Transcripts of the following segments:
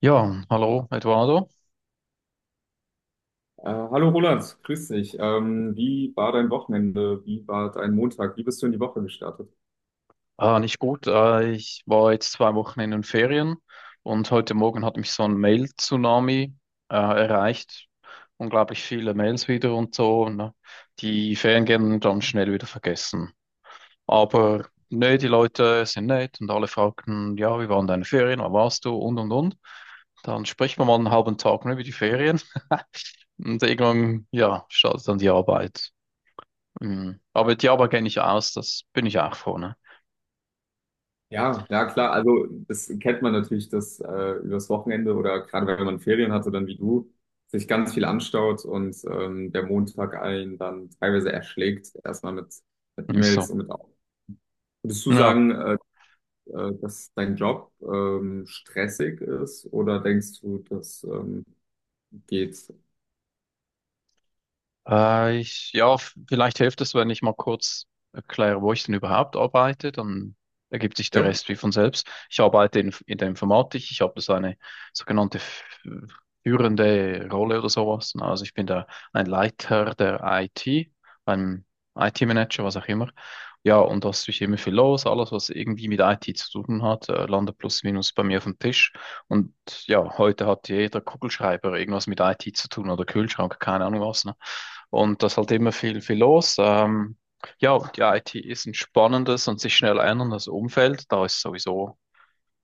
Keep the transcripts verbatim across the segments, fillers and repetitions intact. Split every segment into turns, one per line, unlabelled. Ja, hallo Eduardo.
Äh, hallo Roland, grüß dich. Ähm, wie war dein Wochenende? Wie war dein Montag? Wie bist du in die Woche gestartet?
Ah, nicht gut. Äh, ich war jetzt zwei Wochen in den Ferien und heute Morgen hat mich so ein Mail-Tsunami äh, erreicht. Unglaublich viele Mails wieder und so. Ne? Die Ferien gehen dann schnell wieder vergessen. Aber ne, die Leute sind nett und alle fragten, ja, wie waren deine Ferien, wo warst du und und und. Dann spricht man mal einen halben Tag nur über die Ferien und irgendwann, ja, startet dann die Arbeit. Mhm. Aber die Arbeit kenne ich aus, das bin ich auch froh, ne?
Ja, ja klar, also das kennt man natürlich, dass äh, übers Wochenende oder gerade wenn man Ferien hatte, dann wie du, sich ganz viel anstaut und ähm, der Montag einen dann teilweise erschlägt, erstmal mit, mit
Ist so.
E-Mails und mit Au- würdest du
Ja,
sagen, äh, äh, dass dein Job ähm, stressig ist oder denkst du, das ähm, geht?
Äh, ich, ja, f- vielleicht hilft es, wenn ich mal kurz erkläre, wo ich denn überhaupt arbeite, dann ergibt sich der
Ja,
Rest wie von selbst. Ich arbeite in, in der Informatik, ich habe so eine sogenannte f- führende Rolle oder sowas. Na, also ich bin da ein Leiter der I T, ein I T-Manager, was auch immer. Ja, und da ist natürlich immer viel los, alles, was irgendwie mit I T zu tun hat, äh, landet plus minus bei mir auf dem Tisch. Und ja, heute hat jeder Kugelschreiber irgendwas mit I T zu tun oder Kühlschrank, keine Ahnung was, ne? Und da ist halt immer viel, viel los. Ähm, ja, die I T ist ein spannendes und sich schnell änderndes Umfeld. Da ist sowieso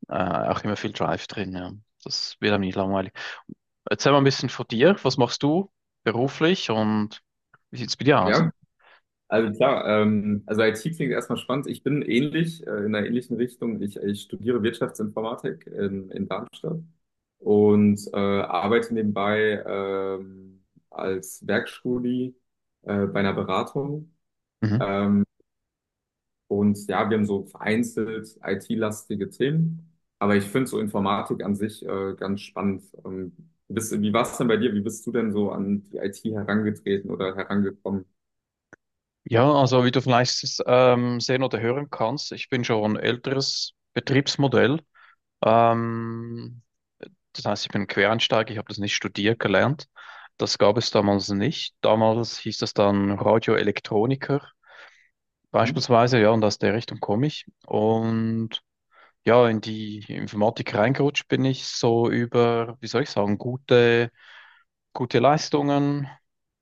äh, auch immer viel Drive drin. Ja. Das wird einem nicht langweilig. Erzähl mal ein bisschen von dir. Was machst du beruflich und wie sieht's bei dir aus?
ja. Also klar, ähm, also I T klingt erstmal spannend. Ich bin ähnlich, äh, in einer ähnlichen Richtung. Ich, ich studiere Wirtschaftsinformatik in, in Darmstadt und äh, arbeite nebenbei ähm, als Werkstudie äh, bei einer Beratung.
Mhm.
Ähm, und ja, wir haben so vereinzelt I T-lastige Themen, aber ich finde so Informatik an sich äh, ganz spannend. Ähm, bist, wie war es denn bei dir? Wie bist du denn so an die I T herangetreten oder herangekommen?
Ja, also wie du vielleicht ähm, sehen oder hören kannst, ich bin schon ein älteres Betriebsmodell. Ähm, Das heißt, ich bin Quereinsteiger, ich habe das nicht studiert gelernt. Das gab es damals nicht. Damals hieß das dann Radioelektroniker
Mhm.
beispielsweise, ja, und aus der Richtung komme ich. Und ja, in die Informatik reingerutscht bin ich so über, wie soll ich sagen, gute, gute Leistungen,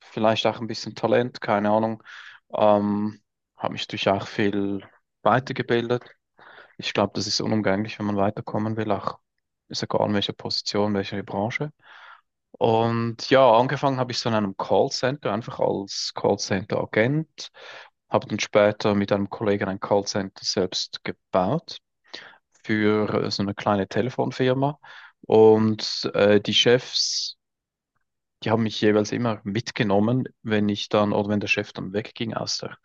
vielleicht auch ein bisschen Talent, keine Ahnung. Ähm, Habe mich durch auch viel weitergebildet. Ich glaube, das ist unumgänglich, wenn man weiterkommen will, auch ist egal in welcher Position, welche Branche. Und ja, angefangen habe ich so in einem Callcenter, einfach als Callcenter-Agent, habe dann später mit einem Kollegen ein Callcenter selbst gebaut für äh, so eine kleine Telefonfirma. Und äh, die Chefs, die haben mich jeweils immer mitgenommen, wenn ich dann oder wenn der Chef dann wegging aus der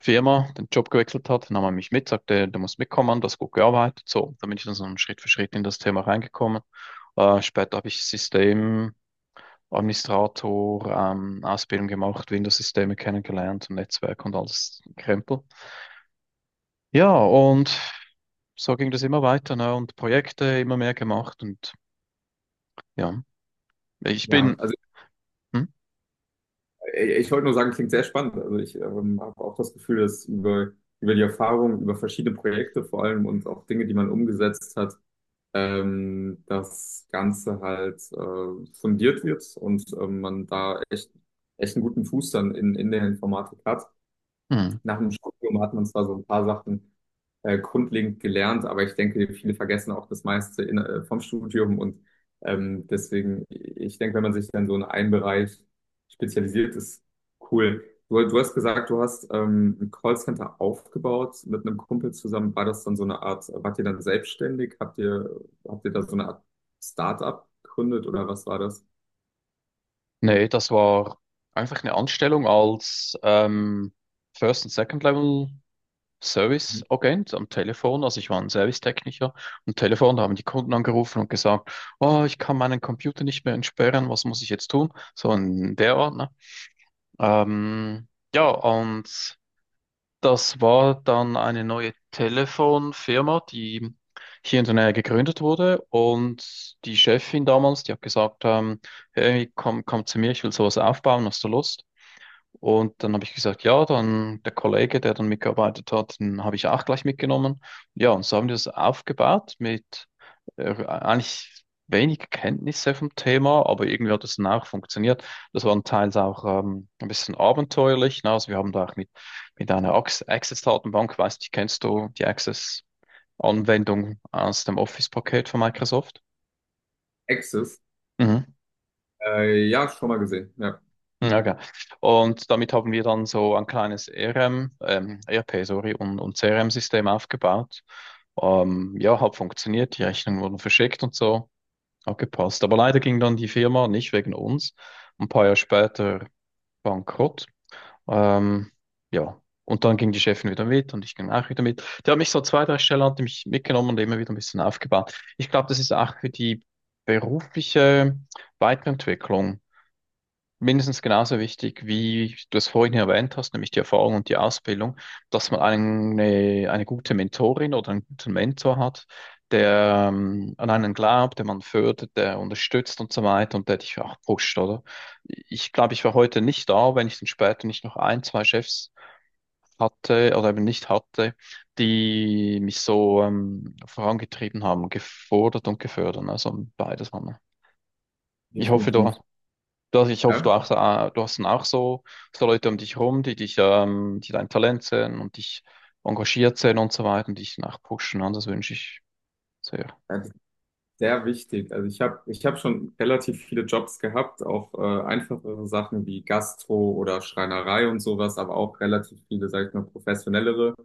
Firma, den Job gewechselt hat, nahm er mich mit, sagte, du musst mitkommen, das hast gut gearbeitet. So, da bin ich dann so Schritt für Schritt in das Thema reingekommen. Äh, später habe ich System Administrator, ähm, Ausbildung gemacht, Windows-Systeme kennengelernt und Netzwerk und alles Krempel. Ja, und so ging das immer weiter, ne? Und Projekte immer mehr gemacht und ja, ich
Ja,
bin,
also
hm?
ich wollte nur sagen, klingt sehr spannend. Also ich ähm, habe auch das Gefühl, dass über, über die Erfahrung, über verschiedene Projekte vor allem und auch Dinge, die man umgesetzt hat, ähm, das Ganze halt äh, fundiert wird und ähm, man da echt, echt einen guten Fuß dann in, in der Informatik hat.
Hm.
Nach dem Studium hat man zwar so ein paar Sachen äh, grundlegend gelernt, aber ich denke, viele vergessen auch das meiste in, äh, vom Studium und ähm, deswegen, ich denke, wenn man sich dann so in einen Bereich spezialisiert, ist cool. Du, du hast gesagt, du hast ähm, ein Callcenter aufgebaut mit einem Kumpel zusammen. War das dann so eine Art, wart ihr dann selbstständig? Habt ihr, habt ihr da so eine Art Startup gegründet oder was war das?
Nee, das war einfach eine Anstellung als ähm, First- und Second-Level. Service-Agent am Telefon, also ich war ein Servicetechniker am Telefon, da haben die Kunden angerufen und gesagt, oh, ich kann meinen Computer nicht mehr entsperren, was muss ich jetzt tun? So in der Art, ne? Ähm, ja, und das war dann eine neue Telefonfirma, die hier in der Nähe gegründet wurde. Und die Chefin damals, die hat gesagt, ähm, hey, komm, komm zu mir, ich will sowas aufbauen, hast du Lust? Und dann habe ich gesagt, ja, dann der Kollege, der dann mitgearbeitet hat, den habe ich auch gleich mitgenommen. Ja, und so haben wir das aufgebaut mit äh, eigentlich wenig Kenntnisse vom Thema, aber irgendwie hat es dann auch funktioniert. Das war teils auch ähm, ein bisschen abenteuerlich. Ne? Also wir haben da auch mit, mit einer Ax- Access-Datenbank, weiß nicht, kennst du die Access-Anwendung aus dem Office-Paket von Microsoft?
Axis?
Mhm.
Äh, ja, schon mal gesehen. Ja,
Ja, okay. Und damit haben wir dann so ein kleines E R M, ähm, E R P, sorry, und, und C R M-System aufgebaut. Ähm, ja, hat funktioniert, die Rechnungen wurden verschickt und so, hat gepasst. Aber leider ging dann die Firma nicht wegen uns, ein paar Jahre später bankrott. Ähm, ja, und dann ging die Chefin wieder mit und ich ging auch wieder mit. Die hat mich so zwei, drei Stellen hat die mich mitgenommen und immer wieder ein bisschen aufgebaut. Ich glaube, das ist auch für die berufliche Weiterentwicklung mindestens genauso wichtig, wie du es vorhin erwähnt hast, nämlich die Erfahrung und die Ausbildung, dass man eine, eine gute Mentorin oder einen guten Mentor hat, der ähm, an einen glaubt, der man fördert, der unterstützt und so weiter und der dich auch pusht, oder? Ich glaube, ich war heute nicht da, wenn ich dann später nicht noch ein, zwei Chefs hatte oder eben nicht hatte, die mich so ähm, vorangetrieben haben, gefordert und gefördert. Also beides haben wir. Ich hoffe, du
definitiv.
Du hast, ich hoffe, du,
Ja.
auch, äh, du hast dann auch so, so Leute um dich herum, die dich, ähm, die dein Talent sehen und dich engagiert sehen und so weiter und dich dann auch pushen. Und das wünsche ich sehr.
Ja, sehr wichtig. Also ich habe ich hab schon relativ viele Jobs gehabt, auch äh, einfachere Sachen wie Gastro oder Schreinerei und sowas, aber auch relativ viele, sag ich mal, professionellere.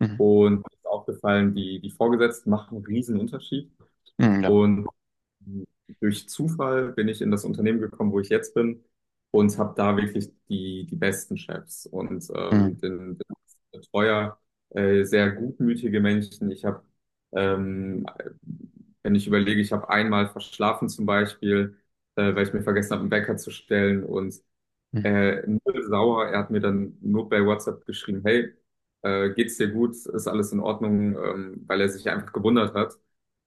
Mhm.
Und mir ist aufgefallen, die, die Vorgesetzten machen einen riesen Unterschied.
Mhm, ja.
Und durch Zufall bin ich in das Unternehmen gekommen, wo ich jetzt bin und habe da wirklich die, die besten Chefs und ähm,
Mhm.
den, den Betreuer, äh, sehr gutmütige Menschen. Ich habe, ähm, Wenn ich überlege, ich habe einmal verschlafen zum Beispiel, äh, weil ich mir vergessen habe, einen Wecker zu stellen und
Mhm.
äh, null sauer. Er hat mir dann nur bei WhatsApp geschrieben: Hey, äh, geht's dir gut? Ist alles in Ordnung? Ähm, weil er sich einfach gewundert hat.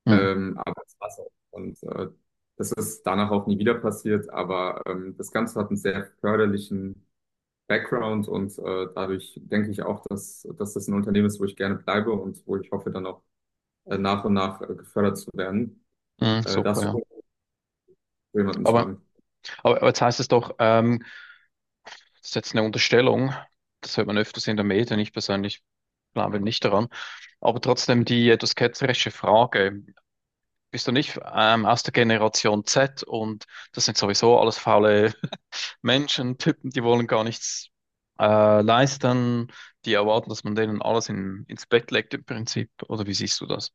Mhm.
Ähm, aber es war's auch. Und äh, das ist danach auch nie wieder passiert. Aber ähm, das Ganze hat einen sehr förderlichen Background und äh, dadurch denke ich auch, dass, dass das ein Unternehmen ist, wo ich gerne bleibe und wo ich hoffe, dann auch äh, nach und nach äh, gefördert zu werden.
Mhm.
Äh,
Super,
das,
ja.
so jemanden zu
Aber,
haben.
aber aber jetzt heißt es doch, ähm, das ist jetzt eine Unterstellung. Das hört man öfters in der Medien. Ich persönlich glaube nicht daran. Aber trotzdem die etwas ketzerische Frage. Bist du nicht ähm, aus der Generation Z und das sind sowieso alles faule Menschen tippen, die wollen gar nichts äh, leisten, die erwarten, dass man denen alles in, ins Bett legt im Prinzip. Oder wie siehst du das?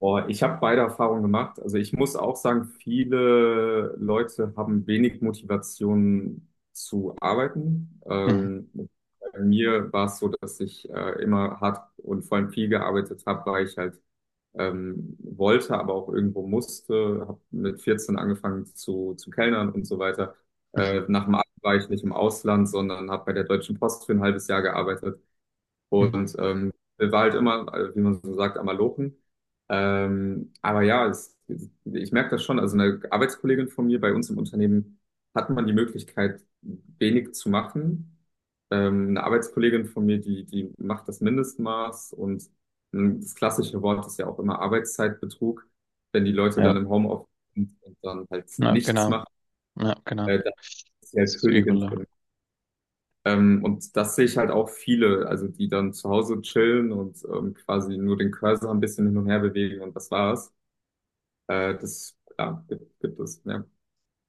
Oh, ich habe beide Erfahrungen gemacht. Also ich muss auch sagen, viele Leute haben wenig Motivation zu arbeiten.
Mhm.
Ähm, bei mir war es so, dass ich äh, immer hart und vor allem viel gearbeitet habe, weil ich halt ähm, wollte, aber auch irgendwo musste. Habe mit vierzehn angefangen zu, zu kellnern und so weiter.
Mhm.
Äh, nach dem Abi war ich nicht im Ausland, sondern habe bei der Deutschen Post für ein halbes Jahr gearbeitet.
Mhm.
Und ähm, war halt immer, äh, wie man so sagt, am Malochen. Ähm, aber ja, es, ich merke das schon. Also eine Arbeitskollegin von mir bei uns im Unternehmen hat man die Möglichkeit, wenig zu machen. Ähm, eine Arbeitskollegin von mir, die, die macht das Mindestmaß und ähm, das klassische Wort ist ja auch immer Arbeitszeitbetrug. Wenn die Leute dann
Ja,
im Homeoffice sind und dann halt
ja,
nichts
genau.
machen,
Ja, genau.
äh, dann ist sie
Das
halt
ist übel.
Königin.
Ja.
Ähm, und das sehe ich halt auch viele, also die dann zu Hause chillen und ähm, quasi nur den Cursor ein bisschen hin und her bewegen und das war's. Äh, das, ja, gibt, gibt es, ja.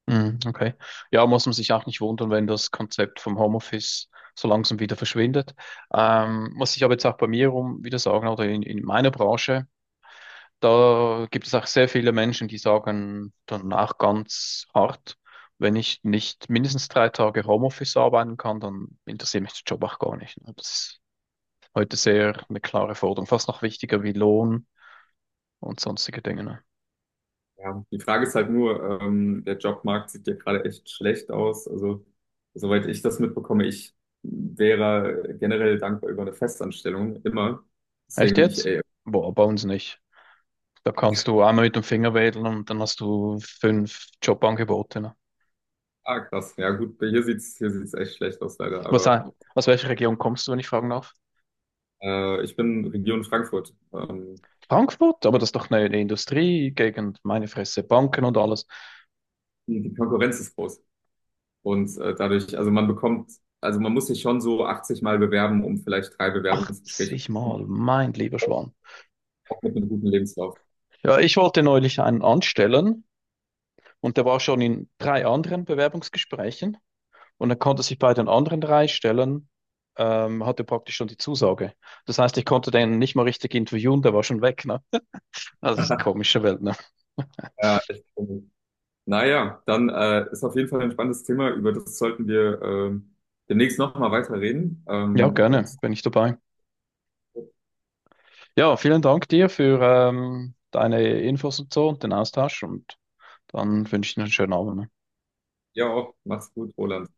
Mhm. Okay. Ja, muss man sich auch nicht wundern, wenn das Konzept vom Homeoffice so langsam wieder verschwindet. Ähm, muss ich aber jetzt auch bei mir rum wieder sagen, oder in, in meiner Branche, da gibt es auch sehr viele Menschen, die sagen danach ganz hart, wenn ich nicht mindestens drei Tage Homeoffice arbeiten kann, dann interessiert mich der Job auch gar nicht. Ne? Das ist heute sehr eine klare Forderung, fast noch wichtiger wie Lohn und sonstige Dinge. Ne?
Ja. Die Frage ist halt nur, ähm, der Jobmarkt sieht ja gerade echt schlecht aus. Also, soweit ich das mitbekomme, ich wäre generell dankbar über eine Festanstellung, immer.
Echt
Deswegen ich,
jetzt?
ey,
Boah, bei uns nicht. Da kannst du einmal mit dem Finger wedeln und dann hast du fünf Jobangebote. Ne?
ah, krass. Ja, gut, hier sieht's, hier sieht's echt schlecht aus, leider.
Was,
Aber
aus welcher Region kommst du, wenn ich fragen darf?
äh, ich bin Region Frankfurt. Ähm,
Frankfurt? Aber das ist doch eine, eine Industriegegend, meine Fresse, Banken und alles.
die die Konkurrenz ist groß. Und äh, dadurch, also man bekommt, also man muss sich schon so achtzig Mal bewerben, um vielleicht drei Bewerbungsgespräche zu
achtzig Mal,
bekommen,
mein lieber Schwan.
auch mit einem guten Lebenslauf.
Ja, ich wollte neulich einen anstellen und der war schon in drei anderen Bewerbungsgesprächen und er konnte sich bei den anderen drei Stellen, ähm, hatte praktisch schon die Zusage. Das heißt, ich konnte den nicht mal richtig interviewen, der war schon weg, ne? Also, das ist eine komische Welt, ne?
Ja, echt cool. Naja, dann äh, ist auf jeden Fall ein spannendes Thema, über das sollten wir ähm, demnächst nochmal weiter reden.
Ja,
Ähm, und
gerne, bin ich dabei. Ja, vielen Dank dir für ähm, deine Infos und so und den Austausch und dann wünsche ich dir einen schönen Abend. Ne?
ja, auch, mach's gut, Roland.